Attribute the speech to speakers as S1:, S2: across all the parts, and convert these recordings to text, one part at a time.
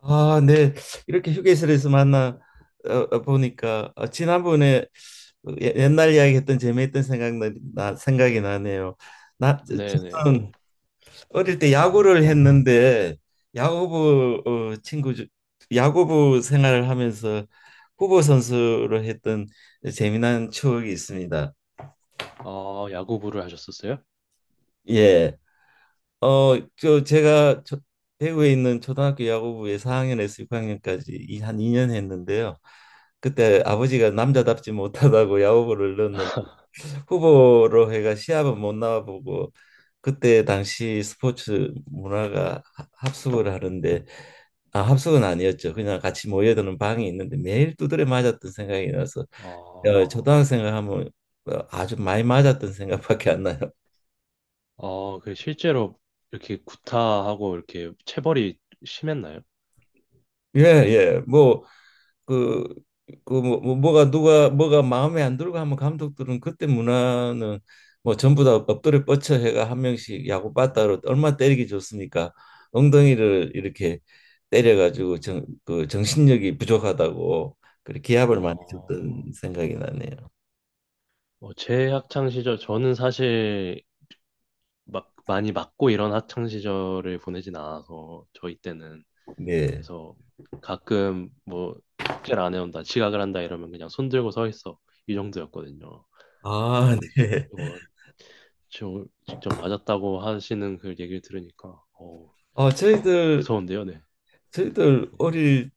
S1: 아, 네. 이렇게 휴게실에서 만나 보니까 지난번에 옛날 이야기했던 재미있던 생각이 나네요. 나 저-
S2: 네네.
S1: 저는 어릴 때 야구를 했는데 야구부 어, 친구 중- 야구부 생활을 하면서 후보 선수로 했던 재미난 추억이 있습니다.
S2: 야구부를 하셨었어요?
S1: 예. 제가 대구에 있는 초등학교 야구부에 4학년에서 6학년까지 이 한 2년 했는데요. 그때 아버지가 남자답지 못하다고 야구부를 넣는 후보로 해가 시합은 못 나와보고 그때 당시 스포츠 문화가 합숙을 하는데 아, 합숙은 아니었죠. 그냥 같이 모여드는 방이 있는데 매일 두드려 맞았던 생각이 나서
S2: 어,
S1: 초등학생을 하면 아주 많이 맞았던 생각밖에 안 나요.
S2: 그 실제로 이렇게 구타하고 이렇게 체벌이 심했나요?
S1: 예, 예. 뭐 그 뭐가 마음에 안 들고 하면 감독들은 그때 문화는 뭐 전부 다 엎드려 뻗쳐 해가 한 명씩 야구 빠따로 얼마 때리기 좋습니까? 엉덩이를 이렇게 때려가지고 그 정신력이 부족하다고 그렇게 기합을 많이 줬던
S2: 어,
S1: 생각이 나네요.
S2: 제 학창 시절, 저는 사실 막 많이 맞고 이런 학창 시절을 보내진 않아서 저희 때는
S1: 네.
S2: 그래서 가끔 뭐 숙제를 안 해온다, 지각을 한다 이러면 그냥 손 들고 서 있어 이 정도였거든요.
S1: 아,
S2: 근데
S1: 네.
S2: 뭐 직접 맞았다고 하시는 그 얘기를 들으니까 어,
S1: 저희들
S2: 무서운데요, 네.
S1: 저희들
S2: 네.
S1: 어릴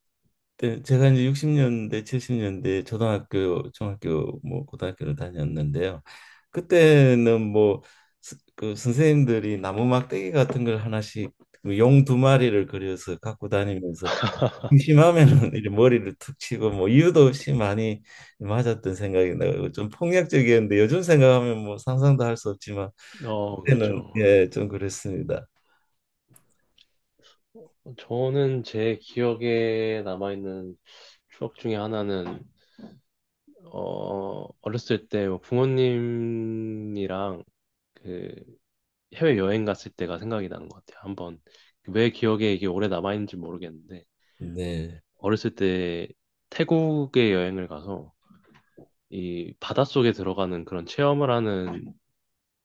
S1: 네, 제가 이제 60년대, 70년대 초등학교, 중학교, 뭐 고등학교를 다녔는데요. 그때는 뭐 그 선생님들이 나무 막대기 같은 걸 하나씩 뭐 용두 마리를 그려서 갖고
S2: 네.
S1: 다니면서 심하면은 이제 머리를 툭 치고 뭐 이유도 없이 많이 맞았던 생각이 나고 좀 폭력적이었는데 요즘 생각하면 뭐 상상도 할 수 없지만 그때는
S2: 그렇죠.
S1: 예, 좀 그랬습니다.
S2: 저는 제 기억에 남아있는 추억 중에 하나는 어렸을 때뭐 부모님이랑 그 해외 여행 갔을 때가 생각이 나는 것 같아요. 한번 왜 기억에 이게 오래 남아있는지 모르겠는데
S1: 네.
S2: 어렸을 때 태국에 여행을 가서 이 바닷속에 들어가는 그런 체험을 하는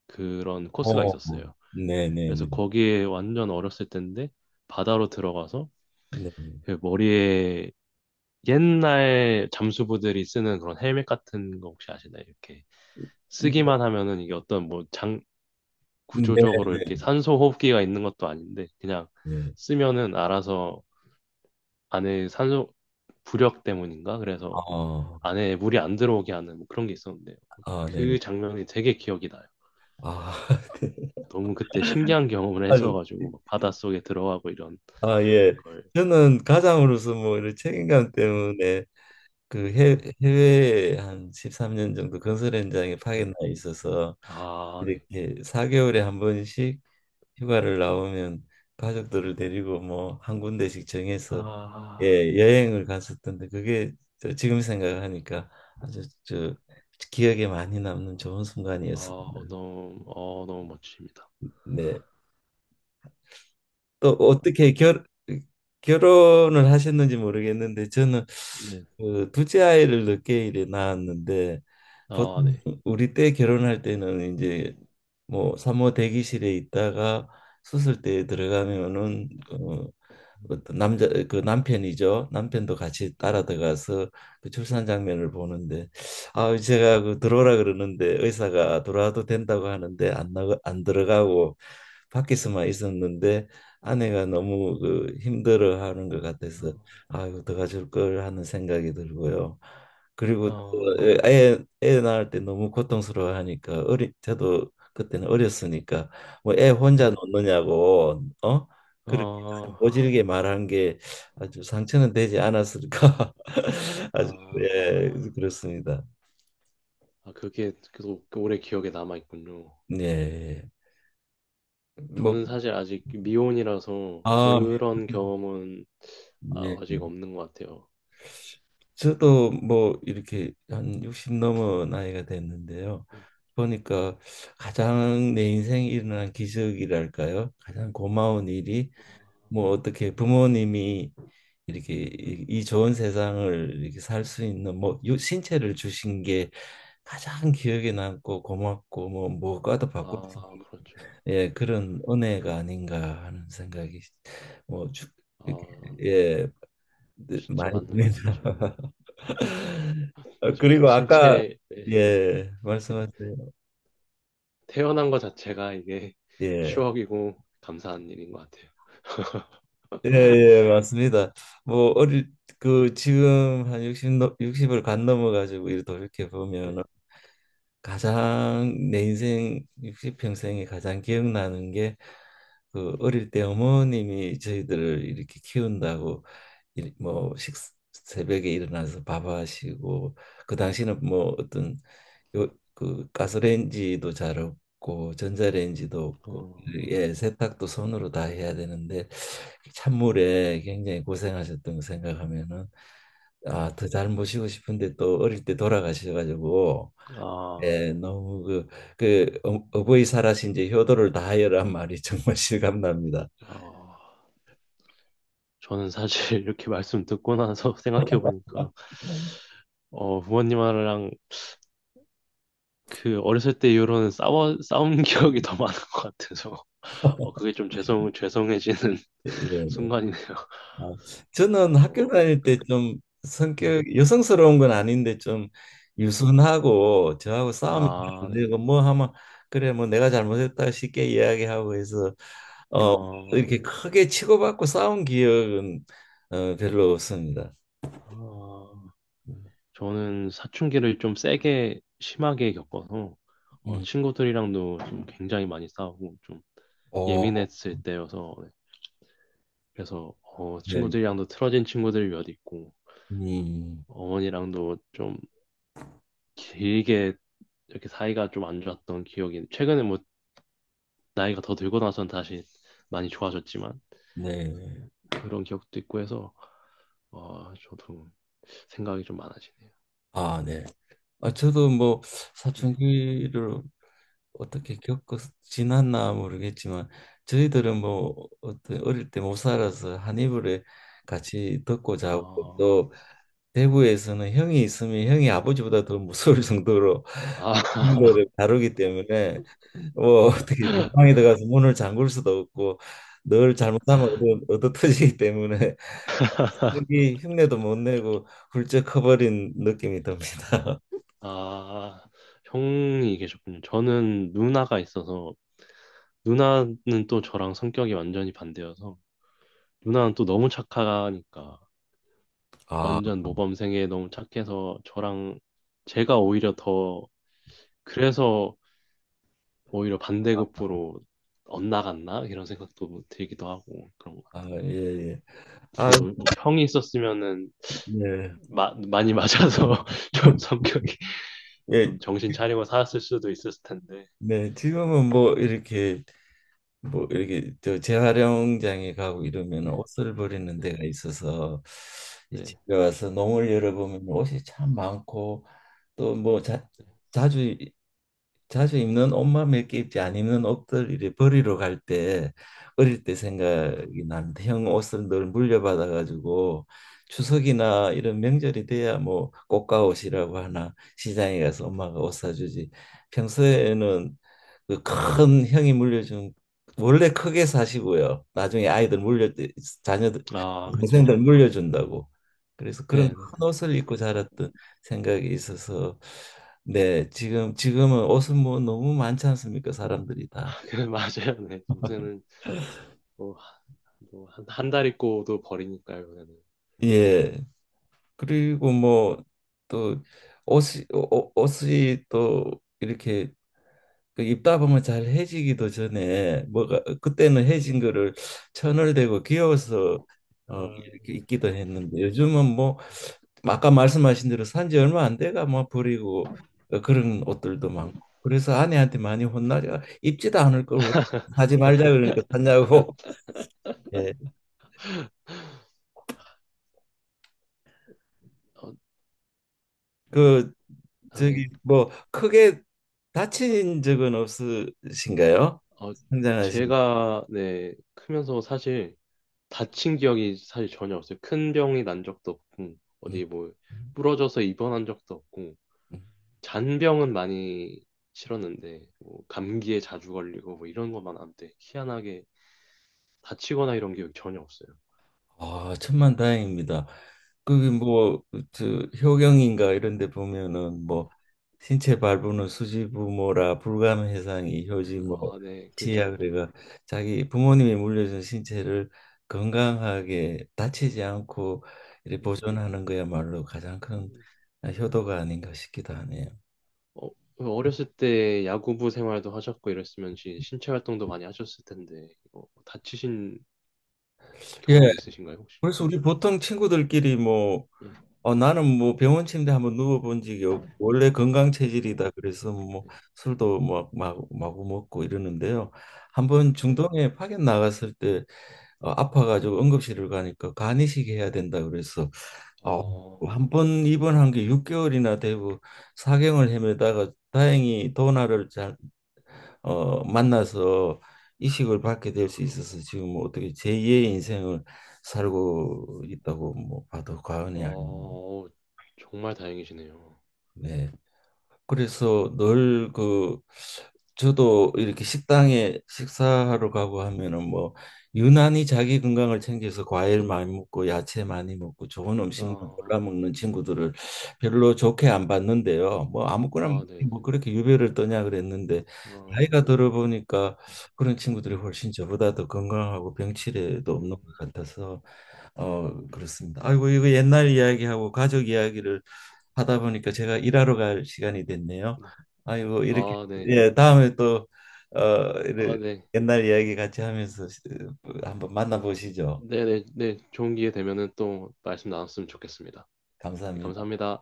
S2: 그런 코스가
S1: 어,
S2: 있었어요.
S1: 네, 네,
S2: 그래서
S1: 네.
S2: 거기에 완전 어렸을 때인데 바다로 들어가서
S1: 네.
S2: 그 머리에 옛날 잠수부들이 쓰는 그런 헬멧 같은 거 혹시 아시나요? 이렇게 쓰기만 하면은 이게 어떤 뭐 장
S1: 네,
S2: 구조적으로
S1: 네.
S2: 이렇게 산소 호흡기가 있는 것도 아닌데 그냥
S1: 네.
S2: 쓰면은 알아서 안에 산소 부력 때문인가? 그래서
S1: 아,
S2: 안에 물이 안 들어오게 하는 뭐 그런 게 있었는데
S1: 아, 네.
S2: 그 장면이 되게 기억이 나요.
S1: 아,
S2: 너무 그때 신기한 경험을
S1: 아유,
S2: 했어가지고 막 바닷속에 들어가고 이런
S1: 아, 예.
S2: 걸.
S1: 저는 가장으로서 뭐 이런 책임감
S2: 네,
S1: 때문에 그 해,
S2: 네,
S1: 해외에 한 13년 정도 건설 현장에
S2: 네.
S1: 파견 나 있어서
S2: 아, 네.
S1: 이렇게 4개월에 한 번씩 휴가를 나오면 가족들을 데리고 뭐 한 군데씩 정해서
S2: 아,
S1: 예, 여행을 갔었던데 그게 저 지금 생각하니까 아주 저 기억에 많이 남는 좋은
S2: 아,
S1: 순간이었습니다.
S2: 너무, 너무 멋집니다.
S1: 네. 또
S2: 어,
S1: 어떻게 결 결혼을 하셨는지 모르겠는데 저는
S2: 네,
S1: 그 둘째 아이를 늦게 이제 낳았는데
S2: 아,
S1: 보통
S2: 네.
S1: 우리 때 결혼할 때는 이제 뭐 산모 대기실에 있다가 수술대에 들어가면은 어떤 남자 그 남편이죠. 남편도 같이 따라 들어가서 그 출산 장면을 보는데 아 제가 그 들어오라 그러는데 의사가 들어와도 된다고 하는데 안 나가 안 들어가고 밖에서만 있었는데 아내가 너무 그 힘들어하는 것 같아서
S2: 음,
S1: 아이고 들어가줄 걸 하는 생각이 들고요. 그리고
S2: 아,
S1: 예, 애 낳을 때 너무 고통스러워하니까 어리 저도 그때는 어렸으니까 뭐 애
S2: 네,
S1: 혼자
S2: 네.
S1: 놓느냐고 그렇게 아주
S2: 아,
S1: 모질게 말한 게 아주 상처는 되지 않았을까 아주 예
S2: 아,
S1: 그렇습니다
S2: 아, 그게 계속 오래 기억에 남아 있군요.
S1: 예뭐아
S2: 저는 사실 아직 미혼이라서 그런 경험은
S1: 네.
S2: 아, 아직 없는 것 같아요.
S1: 저도 뭐 이렇게 한 60 넘은 나이가 됐는데요.
S2: 네.
S1: 보니까 가장 내 인생에 일어난 기적이랄까요? 가장 고마운 일이 뭐 어떻게 부모님이 이렇게 이 좋은 세상을 이렇게 살 수 있는 뭐 신체를 주신 게 가장 기억에 남고 고맙고 뭐 무엇과도 바꿀 수
S2: 아,
S1: 없는,
S2: 그렇죠.
S1: 예 그런 은혜가 아닌가 하는 생각이 뭐 이렇게,
S2: 아,
S1: 예 네,
S2: 진짜
S1: 많이
S2: 맞는
S1: 듭니다.
S2: 말씀이십니다. 저희
S1: 그리고 아까
S2: 신체, 네,
S1: 예
S2: 네.
S1: 말씀하세요.
S2: 태어난 것 자체가 이게
S1: 예.
S2: 추억이고 감사한 일인 것 같아요.
S1: 예, 예, 맞습니다. 뭐 어릴 그 지금 한 60, 육십을 간 넘어가지고 이렇게 돌이켜
S2: 네.
S1: 보면 가장 내 인생 60평생에 가장 기억나는 게 그 어릴 때 어머님이 저희들을 이렇게 키운다고 뭐 새벽에 일어나서 밥 하시고 그 당시는 뭐 어떤 요, 그 가스레인지도 잘 없고 전자레인지도
S2: 어,
S1: 없고 예 세탁도 손으로 다 해야 되는데 찬물에 굉장히 고생하셨던 거 생각하면은 아 더 잘 모시고 싶은데 또 어릴 때 돌아가셔가지고
S2: 아, 네.
S1: 예, 너무 그 어버이 살아신 이제 효도를 다하여란 말이 정말 실감납니다.
S2: 어, 저는 사실 이렇게 말씀 듣고 나서 생각해 보니까
S1: 네.
S2: 부모님이랑 그 어렸을 때 이후로는 싸워 싸운 기억이 더 많은 것 같아서 그게 좀 죄송해지는
S1: 예, 네. 네.
S2: 순간이네요.
S1: 아, 저는 학교
S2: 저,
S1: 다닐
S2: 네,
S1: 때 좀
S2: 네,
S1: 성격 여성스러운 건 아닌데 좀
S2: 네.
S1: 유순하고 저하고 싸움이
S2: 아,
S1: 잘안
S2: 네.
S1: 되고 뭐 하면 그래 뭐 내가 잘못했다 쉽게 이야기하고 해서 어 이렇게
S2: 네.
S1: 크게 치고받고 싸운 기억은 별로 없습니다.
S2: 아, 저는 사춘기를 좀 세게 심하게 겪어서
S1: 음.
S2: 친구들이랑도 좀 굉장히 많이 싸우고 좀
S1: 오,
S2: 예민했을 때여서 네. 그래서
S1: 네.
S2: 친구들이랑도 틀어진 친구들이 몇 있고
S1: 음.
S2: 어머니랑도 좀 길게 이렇게 사이가 좀 안 좋았던 기억이 최근에 뭐 나이가 더 들고 나선 다시 많이 좋아졌지만
S1: 네.
S2: 그런 기억도 있고 해서 저도 생각이 좀 많아지네요.
S1: 아, 네. 아, 저도 뭐
S2: 네.
S1: 사춘기를 어떻게 겪어 지났나 모르겠지만 저희들은 뭐 어떤 어릴 때 못 살아서 한 이불에 같이 덮고 자고
S2: 어,
S1: 또 대구에서는 형이 있으면 형이 아버지보다 더 무서울 정도로
S2: 아
S1: 형들을 다루기 때문에 뭐 어떻게 내 방에 들어가서 문을 잠글 수도 없고 늘 잘못하면 얻어 터지기 때문에 여기 흉내도 못 내고 훌쩍 커버린 느낌이 듭니다.
S2: 아, 형이 계셨군요. 저는 누나가 있어서, 누나는 또 저랑 성격이 완전히 반대여서, 누나는 또 너무 착하니까,
S1: 아,
S2: 완전 모범생에 너무 착해서, 저랑, 제가 오히려 더, 그래서 오히려 반대급부로 엇나갔나? 이런 생각도 들기도 하고, 그런 것
S1: 아,
S2: 같아요.
S1: 예, 예. 아,
S2: 저도 뭐 형이 있었으면은,
S1: 네.
S2: 많이 맞아서, 좀 성격이,
S1: 예,
S2: 좀 정신 차리고 살았을 수도 있었을 텐데.
S1: 네. 지금은 뭐 이렇게 뭐 이렇게 저 재활용장에 가고 이러면
S2: 네,
S1: 옷을 버리는
S2: 네,
S1: 데가 있어서 이
S2: 네.
S1: 집에 와서 농을 열어보면 옷이 참 많고 또 뭐 자주 자주 입는 옷만 몇 개 입지 안 입는 옷들 이래 버리러 갈 때 어릴 때 생각이 나는데 형 옷을 늘 물려받아 가지고 추석이나 이런 명절이 돼야 뭐 꽃가옷이라고 하나 시장에 가서 엄마가 옷 사주지 평소에는 그 큰 형이 물려준 원래 크게 사시고요 나중에 아이들 물려 자녀들
S2: 아,
S1: 동생들
S2: 그죠.
S1: 물려준다고 그래서 그런
S2: 네네.
S1: 큰 옷을 입고 자랐던 생각이 있어서 네, 지금은 옷은 뭐 너무 많지 않습니까? 사람들이 다.
S2: 맞아요. 네. 요새는 뭐, 뭐 한, 한 달 입고도 버리니까요, 요새는.
S1: 예. 그리고 뭐 또 옷이 또 이렇게 그 입다 보면 잘 해지기도 전에 뭐가 그때는 해진 거를 천을 대고 귀여워서
S2: 아,
S1: 이렇게 입기도 했는데 요즘은 뭐 아까 말씀하신 대로 산지 얼마 안 돼가 뭐 버리고 그런 옷들도
S2: 네,
S1: 많고 그래서 아내한테 많이 혼나려 입지도 않을 걸 왜 사지 말자 그러니까 샀냐고 예.
S2: 어,
S1: 그
S2: 아, 네.
S1: 저기 뭐 크게 다친 적은 없으신가요?
S2: 어,
S1: 성장하신.
S2: 제가, 네, 크면서 사실 다친 기억이 사실 전혀 없어요. 큰 병이 난 적도 없고,
S1: 음.
S2: 어디 뭐,
S1: 음.
S2: 부러져서 입원한 적도 없고, 잔병은 많이 치렀는데, 뭐, 감기에 자주 걸리고, 뭐, 이런 것만 한데 희한하게 다치거나 이런 기억이 전혀 없어요.
S1: 아, 천만 다행입니다. 그게
S2: 네.
S1: 뭐저 효경인가 이런 데 보면은
S2: 네.
S1: 뭐 신체 발부는 수지부모라 불감 해상이 효지 뭐
S2: 아, 네,
S1: 시야
S2: 그죠.
S1: 그래가 자기 부모님이 물려준 신체를 건강하게 다치지 않고 이렇게
S2: 네,
S1: 보존하는 거야말로 가장
S2: 네.
S1: 큰 효도가 아닌가 싶기도 하네요.
S2: 어, 그 어렸을 때 야구부 생활도 하셨고 이랬으면 신체 활동도 많이 하셨을 텐데 이거 뭐 다치신
S1: 예,
S2: 경험이 있으신가요? 혹시
S1: 그래서
S2: 크게?
S1: 우리 보통 친구들끼리 뭐,
S2: 네.
S1: 나는 뭐 병원 침대 한번 누워본 적이 없고, 원래 건강 체질이다. 그래서 뭐
S2: 네.
S1: 술도 막, 마구 마구 먹고 이러는데요. 한 번
S2: 네.
S1: 중동에 파견 나갔을 때 아파가지고 응급실을 가니까 간이식 해야 된다. 그래서 어,
S2: 어,
S1: 한번 입원한 게 6개월이나 되고 사경을 헤매다가 다행히 도나를 잘 만나서 이식을 받게 될 수 있어서 지금 뭐 어떻게 제2의 인생을 살고 있다고 뭐 봐도 과언이 아닙니다.
S2: 어, 정말 다행이시네요.
S1: 네. 그래서 늘 그 저도 이렇게 식당에 식사하러 가고 하면은 뭐 유난히 자기 건강을 챙겨서 과일 많이 먹고 야채 많이 먹고 좋은 음식만 골라
S2: 아,
S1: 먹는 친구들을 별로 좋게 안 봤는데요. 뭐 아무거나 먹지
S2: 아, 네네.
S1: 뭐 그렇게 유별을 떠냐 그랬는데
S2: 아,
S1: 나이가
S2: 네.
S1: 들어 보니까 그런 친구들이 훨씬 저보다 더 건강하고 병치레도 없는 것
S2: 음,
S1: 같아서 그렇습니다. 아이고, 이거 옛날 이야기하고 가족 이야기를 하다 보니까 제가 일하러 갈 시간이 됐네요.
S2: 네.
S1: 아이고, 이렇게,
S2: 아, 네.
S1: 예, 다음에 또, 어, 이래-
S2: 아, 네.
S1: 옛날 이야기 같이 하면서 한번 만나보시죠.
S2: 네네. 네. 네. 좋은 기회 되면은 또 말씀 나눴으면 좋겠습니다. 네,
S1: 감사합니다.
S2: 감사합니다.